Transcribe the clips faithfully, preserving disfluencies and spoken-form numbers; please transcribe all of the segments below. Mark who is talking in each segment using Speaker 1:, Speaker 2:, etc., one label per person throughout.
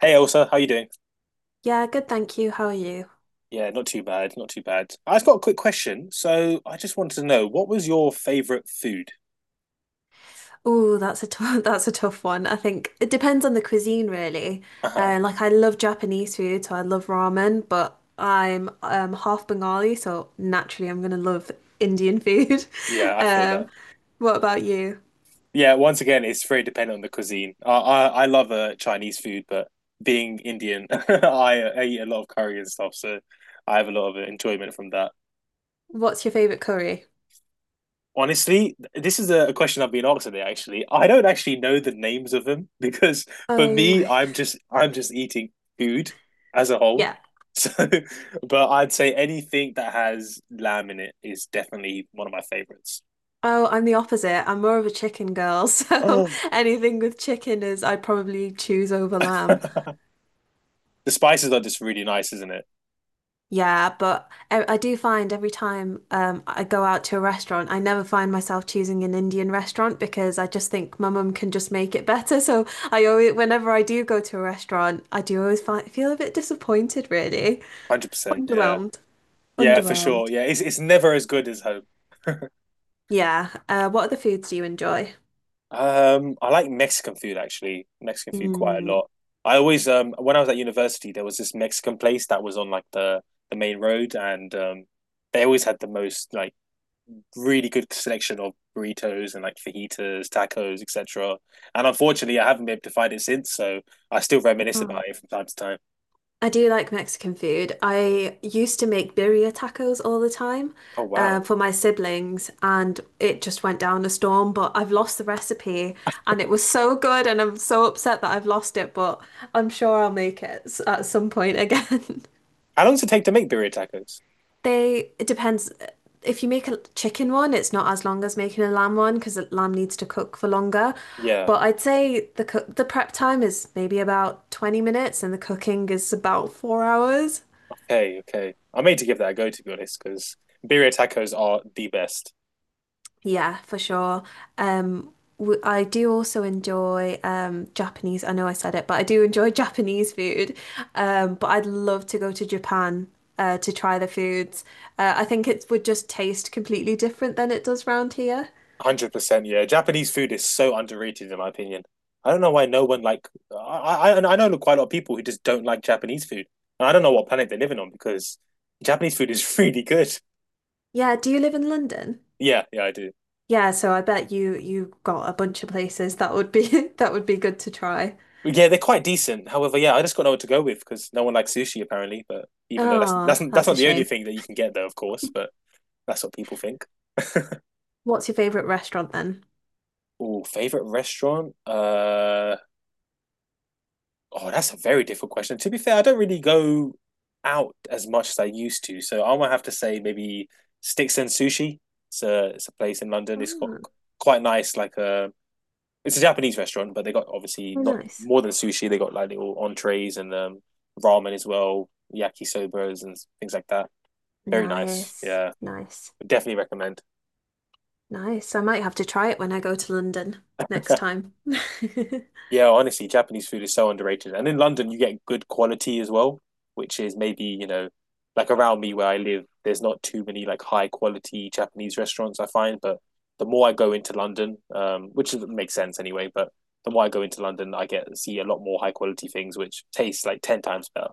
Speaker 1: Hey Elsa, how you doing?
Speaker 2: Yeah, good, thank you. How are you?
Speaker 1: Yeah, not too bad, not too bad. I've got a quick question. So I just wanted to know, what was your favorite food?
Speaker 2: Oh, that's a tough, that's a tough one. I think it depends on the cuisine, really.
Speaker 1: Uh-huh.
Speaker 2: Uh, like I love Japanese food, so I love ramen, but I'm um, half Bengali, so naturally I'm gonna love Indian food.
Speaker 1: Yeah, I feel that.
Speaker 2: Um, what about you?
Speaker 1: Yeah, once again, it's very dependent on the cuisine. I I, I love uh, Chinese food, but being Indian, I, I eat a lot of curry and stuff, so I have a lot of enjoyment from that.
Speaker 2: What's your favorite curry?
Speaker 1: Honestly, this is a question I've been asked today, actually. I don't actually know the names of them because for
Speaker 2: Oh
Speaker 1: me,
Speaker 2: my,
Speaker 1: I'm just I'm just eating food as a whole.
Speaker 2: yeah.
Speaker 1: So, but I'd say anything that has lamb in it is definitely one of my favorites.
Speaker 2: Oh, I'm the opposite. I'm more of a chicken girl, so
Speaker 1: Oh.
Speaker 2: anything with chicken is I'd probably choose over lamb.
Speaker 1: The spices are just really nice, isn't it?
Speaker 2: Yeah, but I, I do find every time um, I go out to a restaurant, I never find myself choosing an Indian restaurant because I just think my mum can just make it better. So I always, whenever I do go to a restaurant, I do always find, feel a bit disappointed, really.
Speaker 1: one hundred percent. Yeah.
Speaker 2: Underwhelmed.
Speaker 1: Yeah, for sure.
Speaker 2: Underwhelmed.
Speaker 1: Yeah, it's it's never as good as home.
Speaker 2: Yeah. Uh, what other foods do you enjoy?
Speaker 1: Um, I like Mexican food actually. Mexican food quite a
Speaker 2: Mm.
Speaker 1: lot. I always um when I was at university, there was this Mexican place that was on like the the main road, and um they always had the most like really good selection of burritos and like fajitas, tacos, et cetera. And unfortunately, I haven't been able to find it since, so I still reminisce about it from time to time.
Speaker 2: I do like Mexican food. I used to make birria tacos all the time
Speaker 1: Oh
Speaker 2: uh,
Speaker 1: wow!
Speaker 2: for my siblings, and it just went down a storm. But I've lost the recipe, and it was so good, and I'm so upset that I've lost it. But I'm sure I'll make it s- at some point again.
Speaker 1: How long does it take to make birria tacos?
Speaker 2: They, it depends. If you make a chicken one, it's not as long as making a lamb one because the lamb needs to cook for longer.
Speaker 1: Yeah.
Speaker 2: But I'd say the cook, the prep time is maybe about twenty minutes, and the cooking is about four hours.
Speaker 1: Okay. Okay. I may made to give that a go to be honest, because birria tacos are the best.
Speaker 2: Yeah, for sure. Um, w- I do also enjoy um, Japanese. I know I said it, but I do enjoy Japanese food. Um, but I'd love to go to Japan uh, to try the foods. Uh, I think it would just taste completely different than it does round here.
Speaker 1: one Hundred percent, yeah. Japanese food is so underrated in my opinion. I don't know why no one like I I and I know quite a lot of people who just don't like Japanese food, and I don't know what planet they're living on because Japanese food is really good.
Speaker 2: Yeah, do you live in London?
Speaker 1: Yeah, yeah, I do.
Speaker 2: Yeah, so I bet you you got a bunch of places that would be that would be good to try.
Speaker 1: Yeah, they're quite decent. However, yeah, I just got no one to go with because no one likes sushi apparently. But even though that's that's
Speaker 2: Oh,
Speaker 1: that's
Speaker 2: that's a
Speaker 1: not the only
Speaker 2: shame.
Speaker 1: thing that you can get there, of course. But that's what people think.
Speaker 2: What's your favorite restaurant then?
Speaker 1: Oh, favorite restaurant? Uh, Oh, that's a very difficult question. To be fair, I don't really go out as much as I used to, so I might have to say maybe Sticks and Sushi. It's a it's a place in London. It's got
Speaker 2: Oh,
Speaker 1: quite nice. Like, a it's a Japanese restaurant, but they got obviously not
Speaker 2: nice.
Speaker 1: more than sushi. They got like little entrees and um, ramen as well, yakisobas and things like that. Very nice.
Speaker 2: Nice.
Speaker 1: Yeah,
Speaker 2: Nice.
Speaker 1: definitely recommend.
Speaker 2: Nice. I might have to try it when I go to London next time.
Speaker 1: Yeah, honestly, Japanese food is so underrated. And in London, you get good quality as well, which is maybe, you know, like around me where I live, there's not too many like high quality Japanese restaurants I find. But the more I go into London, um, which is- makes sense anyway, but the more I go into London, I get see a lot more high quality things which taste like ten times better.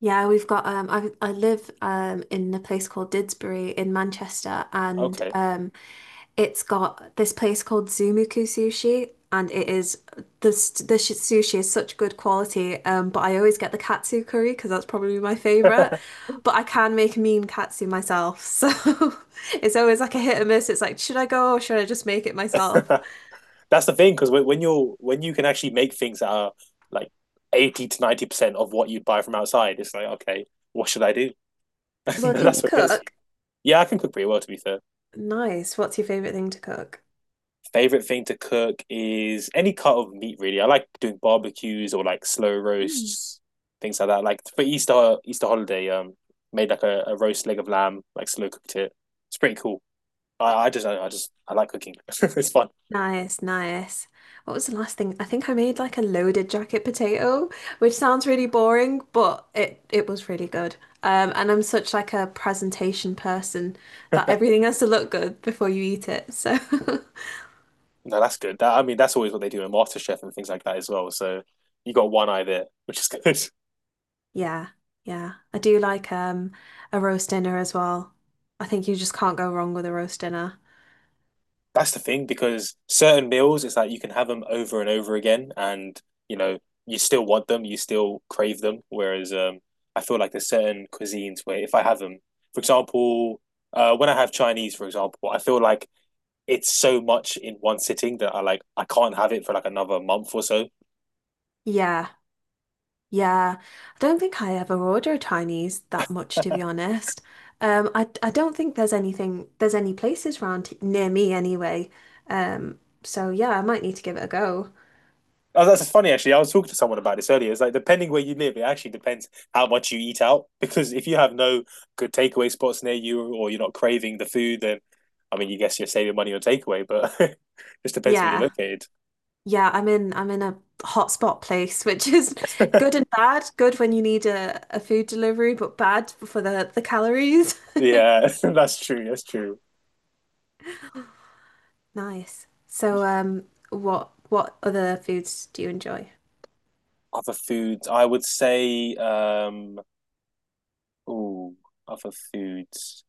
Speaker 2: Yeah, we've got um I I live um in a place called Didsbury in Manchester, and
Speaker 1: Okay.
Speaker 2: um, it's got this place called Zumuku Sushi, and it is the s- the sh- sushi is such good quality, um, but I always get the katsu curry because that's probably my favorite, but I can make mean katsu myself, so it's always like a hit or miss. It's like, should I go or should I just make it myself?
Speaker 1: That's the thing, because when, when you're when you can actually make things that are like eighty to ninety percent of what you'd buy from outside, it's like, okay, what should I do?
Speaker 2: Well, can you
Speaker 1: That's what gets
Speaker 2: cook?
Speaker 1: Yeah, I can cook pretty well, to be fair.
Speaker 2: Nice. What's your favorite thing to cook?
Speaker 1: Favorite thing to cook is any cut of meat, really. I like doing barbecues or like slow roasts, things like that. Like for Easter Easter holiday, um, made like a, a roast leg of lamb, like slow cooked it. It's pretty cool. I, I just I just I like cooking. It's fun.
Speaker 2: Nice, nice. What was the last thing? I think I made like a loaded jacket potato, which sounds really boring, but it it was really good. Um, and I'm such like a presentation person that
Speaker 1: No,
Speaker 2: everything has to look good before you eat it. So
Speaker 1: that's good. That I mean, that's always what they do in MasterChef and things like that as well. So you got one eye there, which is good.
Speaker 2: yeah, yeah. I do like um, a roast dinner as well. I think you just can't go wrong with a roast dinner.
Speaker 1: That's the thing because certain meals, it's like you can have them over and over again, and you know you still want them, you still crave them. Whereas um, I feel like there's certain cuisines where if I have them, for example, uh, when I have Chinese, for example, I feel like it's so much in one sitting that I like I can't have it for like another month or so.
Speaker 2: Yeah. Yeah, I don't think I ever order Chinese that much, to be honest. Um, I I don't think there's anything there's any places round h- near me anyway. Um, so yeah, I might need to give it a go.
Speaker 1: Oh, that's funny actually. I was talking to someone about this earlier. It's like depending where you live, it actually depends how much you eat out. Because if you have no good takeaway spots near you or you're not craving the food, then I mean you guess you're saving money on takeaway, but it just depends where you're
Speaker 2: Yeah,
Speaker 1: located.
Speaker 2: yeah, I'm in I'm in a hotspot place, which is good and bad. Good when you need a, a food delivery, but bad for the the calories.
Speaker 1: Yeah, that's true. That's true.
Speaker 2: Nice. So um, what what other foods do you enjoy?
Speaker 1: Other foods, I would say, um, ooh, other foods.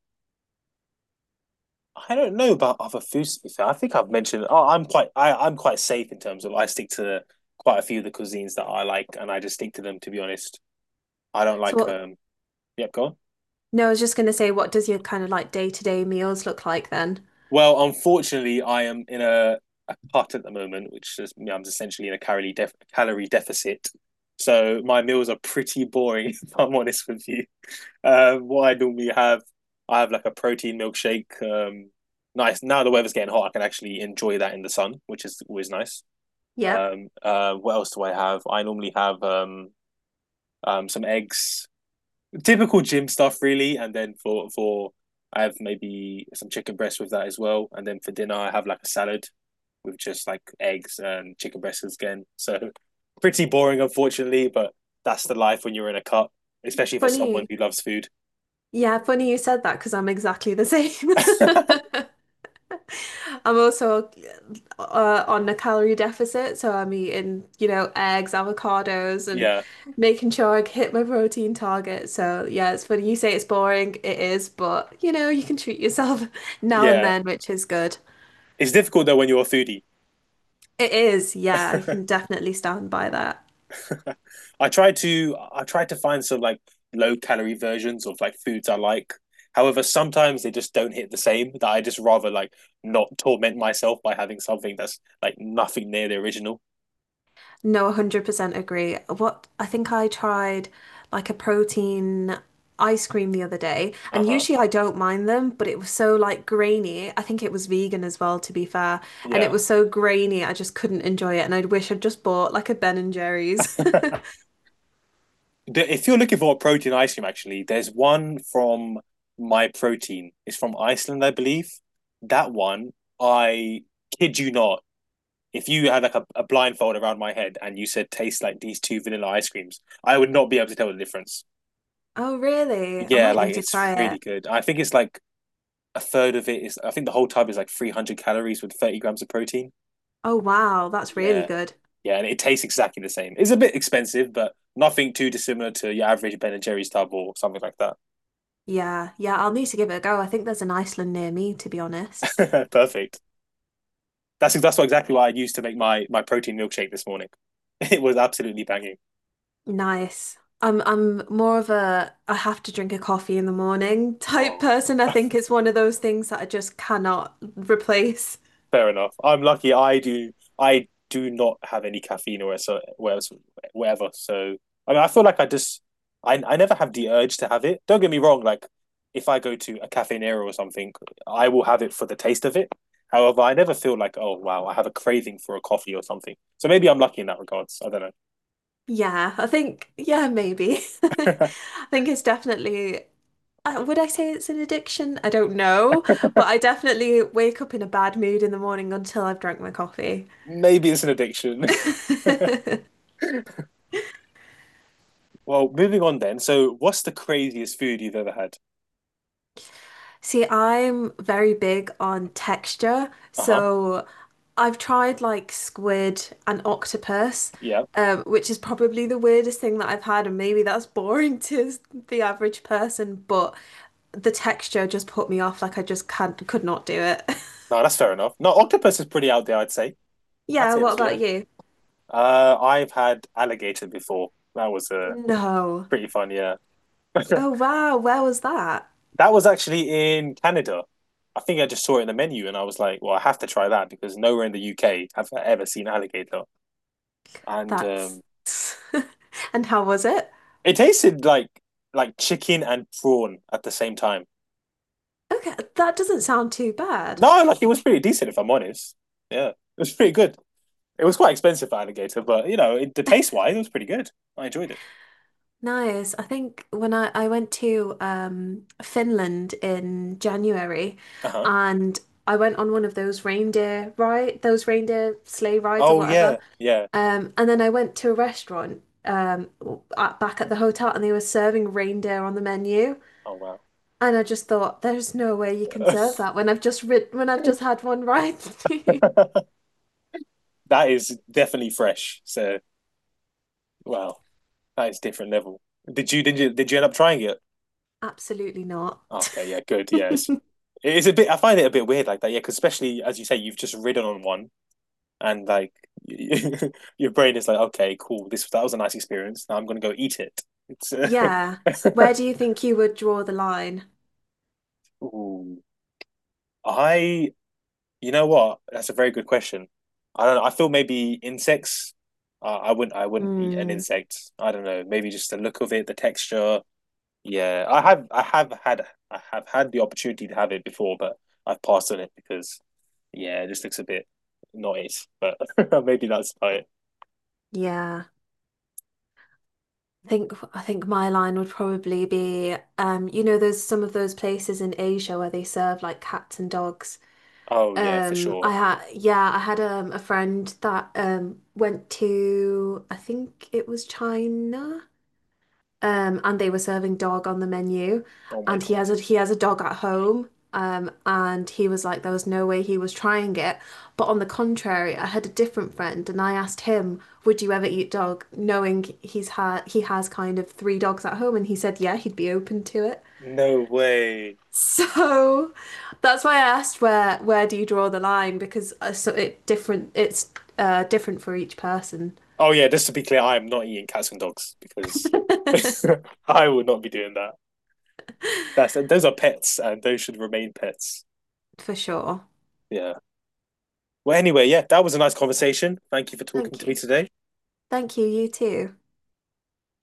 Speaker 1: I don't know about other foods, to be fair. I think I've mentioned. Oh, I'm quite. I, I'm quite safe in terms of. I stick to quite a few of the cuisines that I like, and I just stick to them. To be honest, I don't
Speaker 2: So
Speaker 1: like.
Speaker 2: what?
Speaker 1: Um yep, go on.
Speaker 2: No, I was just gonna say, what does your kind of like day-to-day meals look like then?
Speaker 1: Well, unfortunately I am in a, a cut at the moment, which is you know, I'm essentially in a calorie def- calorie deficit. So my meals are pretty boring if I'm honest with you. Um what I normally have I have like a protein milkshake. Um nice now the weather's getting hot, I can actually enjoy that in the sun, which is always nice.
Speaker 2: Yep.
Speaker 1: Um uh what else do I have? I normally have um um some eggs typical gym stuff really, and then for for I have maybe some chicken breast with that as well, and then for dinner I have like a salad with just like eggs and chicken breasts again. So pretty boring, unfortunately, but that's the life when you're in a cut, especially for someone
Speaker 2: Funny.
Speaker 1: who loves food.
Speaker 2: Yeah, funny you said that because I'm exactly the same. I'm also uh, on a calorie deficit, so I'm eating, you know, eggs, avocados, and
Speaker 1: Yeah,
Speaker 2: making sure I hit my protein target. So yeah, it's funny you say it's boring. It is, but you know, you can treat yourself now and
Speaker 1: yeah.
Speaker 2: then, which is good.
Speaker 1: It's difficult though when you're a foodie.
Speaker 2: It is. Yeah, I can definitely stand by that.
Speaker 1: I tried to I tried to find some like low calorie versions of like foods I like. However, sometimes they just don't hit the same. That I just rather like not torment myself by having something that's like nothing near the original.
Speaker 2: No, one hundred percent agree. What I think I tried like a protein ice cream the other day,
Speaker 1: Uh
Speaker 2: and
Speaker 1: huh.
Speaker 2: usually I don't mind them, but it was so like grainy. I think it was vegan as well, to be fair, and it
Speaker 1: Yeah.
Speaker 2: was so grainy, I just couldn't enjoy it, and I'd wish I'd just bought like a Ben and Jerry's.
Speaker 1: The- If you're looking for a protein ice cream, actually, there's one from My Protein. It's from Iceland, I believe. That one, I kid you not. If you had like a, a blindfold around my head and you said taste like these two vanilla ice creams, I would not be able to tell the difference.
Speaker 2: Oh, really? I
Speaker 1: Yeah,
Speaker 2: might
Speaker 1: like
Speaker 2: need to
Speaker 1: it's
Speaker 2: try
Speaker 1: really
Speaker 2: it.
Speaker 1: good. I think it's like a third of it is, I think the whole tub is like three hundred calories with thirty grams of protein.
Speaker 2: Oh, wow, that's really
Speaker 1: Yeah.
Speaker 2: good.
Speaker 1: Yeah. And it tastes exactly the same. It's a bit expensive, but nothing too dissimilar to your average Ben and Jerry's tub or something like
Speaker 2: Yeah, yeah, I'll need to give it a go. I think there's an Iceland near me, to be honest.
Speaker 1: that. Perfect. That's that's what exactly what I used to make my my protein milkshake this morning. It was absolutely banging.
Speaker 2: Nice. I'm I'm more of a I have to drink a coffee in the morning type
Speaker 1: Oh.
Speaker 2: person. I think it's one of those things that I just cannot replace.
Speaker 1: Fair enough. I'm lucky. I do. I do not have any caffeine or so whatever. So I mean, I feel like I just I I never have the urge to have it. Don't get me wrong. Like if I go to a Cafe Nero or something, I will have it for the taste of it. However, I never feel like oh wow, I have a craving for a coffee or something. So maybe I'm lucky in that regards. I don't know.
Speaker 2: Yeah, I think yeah, maybe. I think it's definitely uh, would I say it's an addiction? I don't know, but I definitely wake up in a bad mood in the morning until I've drank my coffee.
Speaker 1: Maybe it's an addiction. Well, moving on then. So what's the craziest food you've ever had?
Speaker 2: See, I'm very big on texture,
Speaker 1: Uh huh.
Speaker 2: so I've tried like squid and octopus,
Speaker 1: Yeah.
Speaker 2: um, which is probably the weirdest thing that I've had, and maybe that's boring to the average person, but the texture just put me off, like I just can't could not do it.
Speaker 1: No, that's fair enough. No, octopus is pretty out there, I'd say. I'd
Speaker 2: Yeah,
Speaker 1: say
Speaker 2: what
Speaker 1: this. Yeah.
Speaker 2: about you?
Speaker 1: Uh, I've had alligator before. That was a uh,
Speaker 2: No.
Speaker 1: pretty fun, yeah.
Speaker 2: Oh wow, where was that?
Speaker 1: That was actually in Canada. I think I just saw it in the menu and I was like, well, I have to try that because nowhere in the U K have I ever seen alligator. And
Speaker 2: That's
Speaker 1: um,
Speaker 2: and how was it?
Speaker 1: it tasted like like chicken and prawn at the same time.
Speaker 2: Okay, that doesn't sound too bad.
Speaker 1: No, like it was pretty decent if I'm honest. Yeah, it was pretty good. It was quite expensive for alligator, but you know, it, the taste wise, it was pretty good. I enjoyed it.
Speaker 2: Nice. I think when I, I went to um, Finland in January
Speaker 1: Uh huh.
Speaker 2: and I went on one of those reindeer ride, those reindeer sleigh rides or
Speaker 1: Oh
Speaker 2: whatever.
Speaker 1: yeah, yeah.
Speaker 2: Um, and then I went to a restaurant um, w- at, back at the hotel, and they were serving reindeer on the menu.
Speaker 1: Oh
Speaker 2: And I just thought, there's no way you can
Speaker 1: wow.
Speaker 2: serve that when I've just rid when I've just had one ride.
Speaker 1: That is definitely fresh. So wow, that is different level. Did you did you did you end up trying it?
Speaker 2: Absolutely not.
Speaker 1: Okay, yeah, good. Yeah, it's it is a bit. I find it a bit weird like that. Yeah, because especially as you say, you've just ridden on one, and like your brain is like, okay, cool. This That was a nice experience. Now I'm gonna go eat it. It's
Speaker 2: Yeah. Where
Speaker 1: uh...
Speaker 2: do you think you would draw the line?
Speaker 1: Ooh. I. You know what? That's a very good question. I don't know. I feel maybe insects. Uh, I wouldn't. I wouldn't eat an
Speaker 2: Mm,
Speaker 1: insect. I don't know. Maybe just the look of it, the texture. Yeah, I have I have had I have had the opportunity to have it before, but I've passed on it because yeah, it just looks a bit not it. But maybe that's about it.
Speaker 2: yeah. I think I think my line would probably be um, you know, there's some of those places in Asia where they serve like cats and dogs.
Speaker 1: Oh yeah, for
Speaker 2: Um, I
Speaker 1: sure.
Speaker 2: had yeah, I had um, a friend that um, went to I think it was China um, and they were serving dog on the menu,
Speaker 1: Oh my
Speaker 2: and he has
Speaker 1: God.
Speaker 2: a he has a dog at home, um, and he was like, there was no way he was trying it. But on the contrary, I had a different friend, and I asked him, "Would you ever eat dog?" Knowing he's had he has kind of three dogs at home, and he said, "Yeah, he'd be open to it."
Speaker 1: No way.
Speaker 2: So that's why I asked where where do you draw the line, because uh, so it different it's uh, different for each person,
Speaker 1: Oh yeah, just to be clear, I am not eating cats and dogs because I would not be doing that. That's Those are pets and those should remain pets.
Speaker 2: for sure.
Speaker 1: Yeah. Well, anyway, yeah, that was a nice conversation. Thank you for talking
Speaker 2: Thank
Speaker 1: to me
Speaker 2: you.
Speaker 1: today.
Speaker 2: Thank you, you too.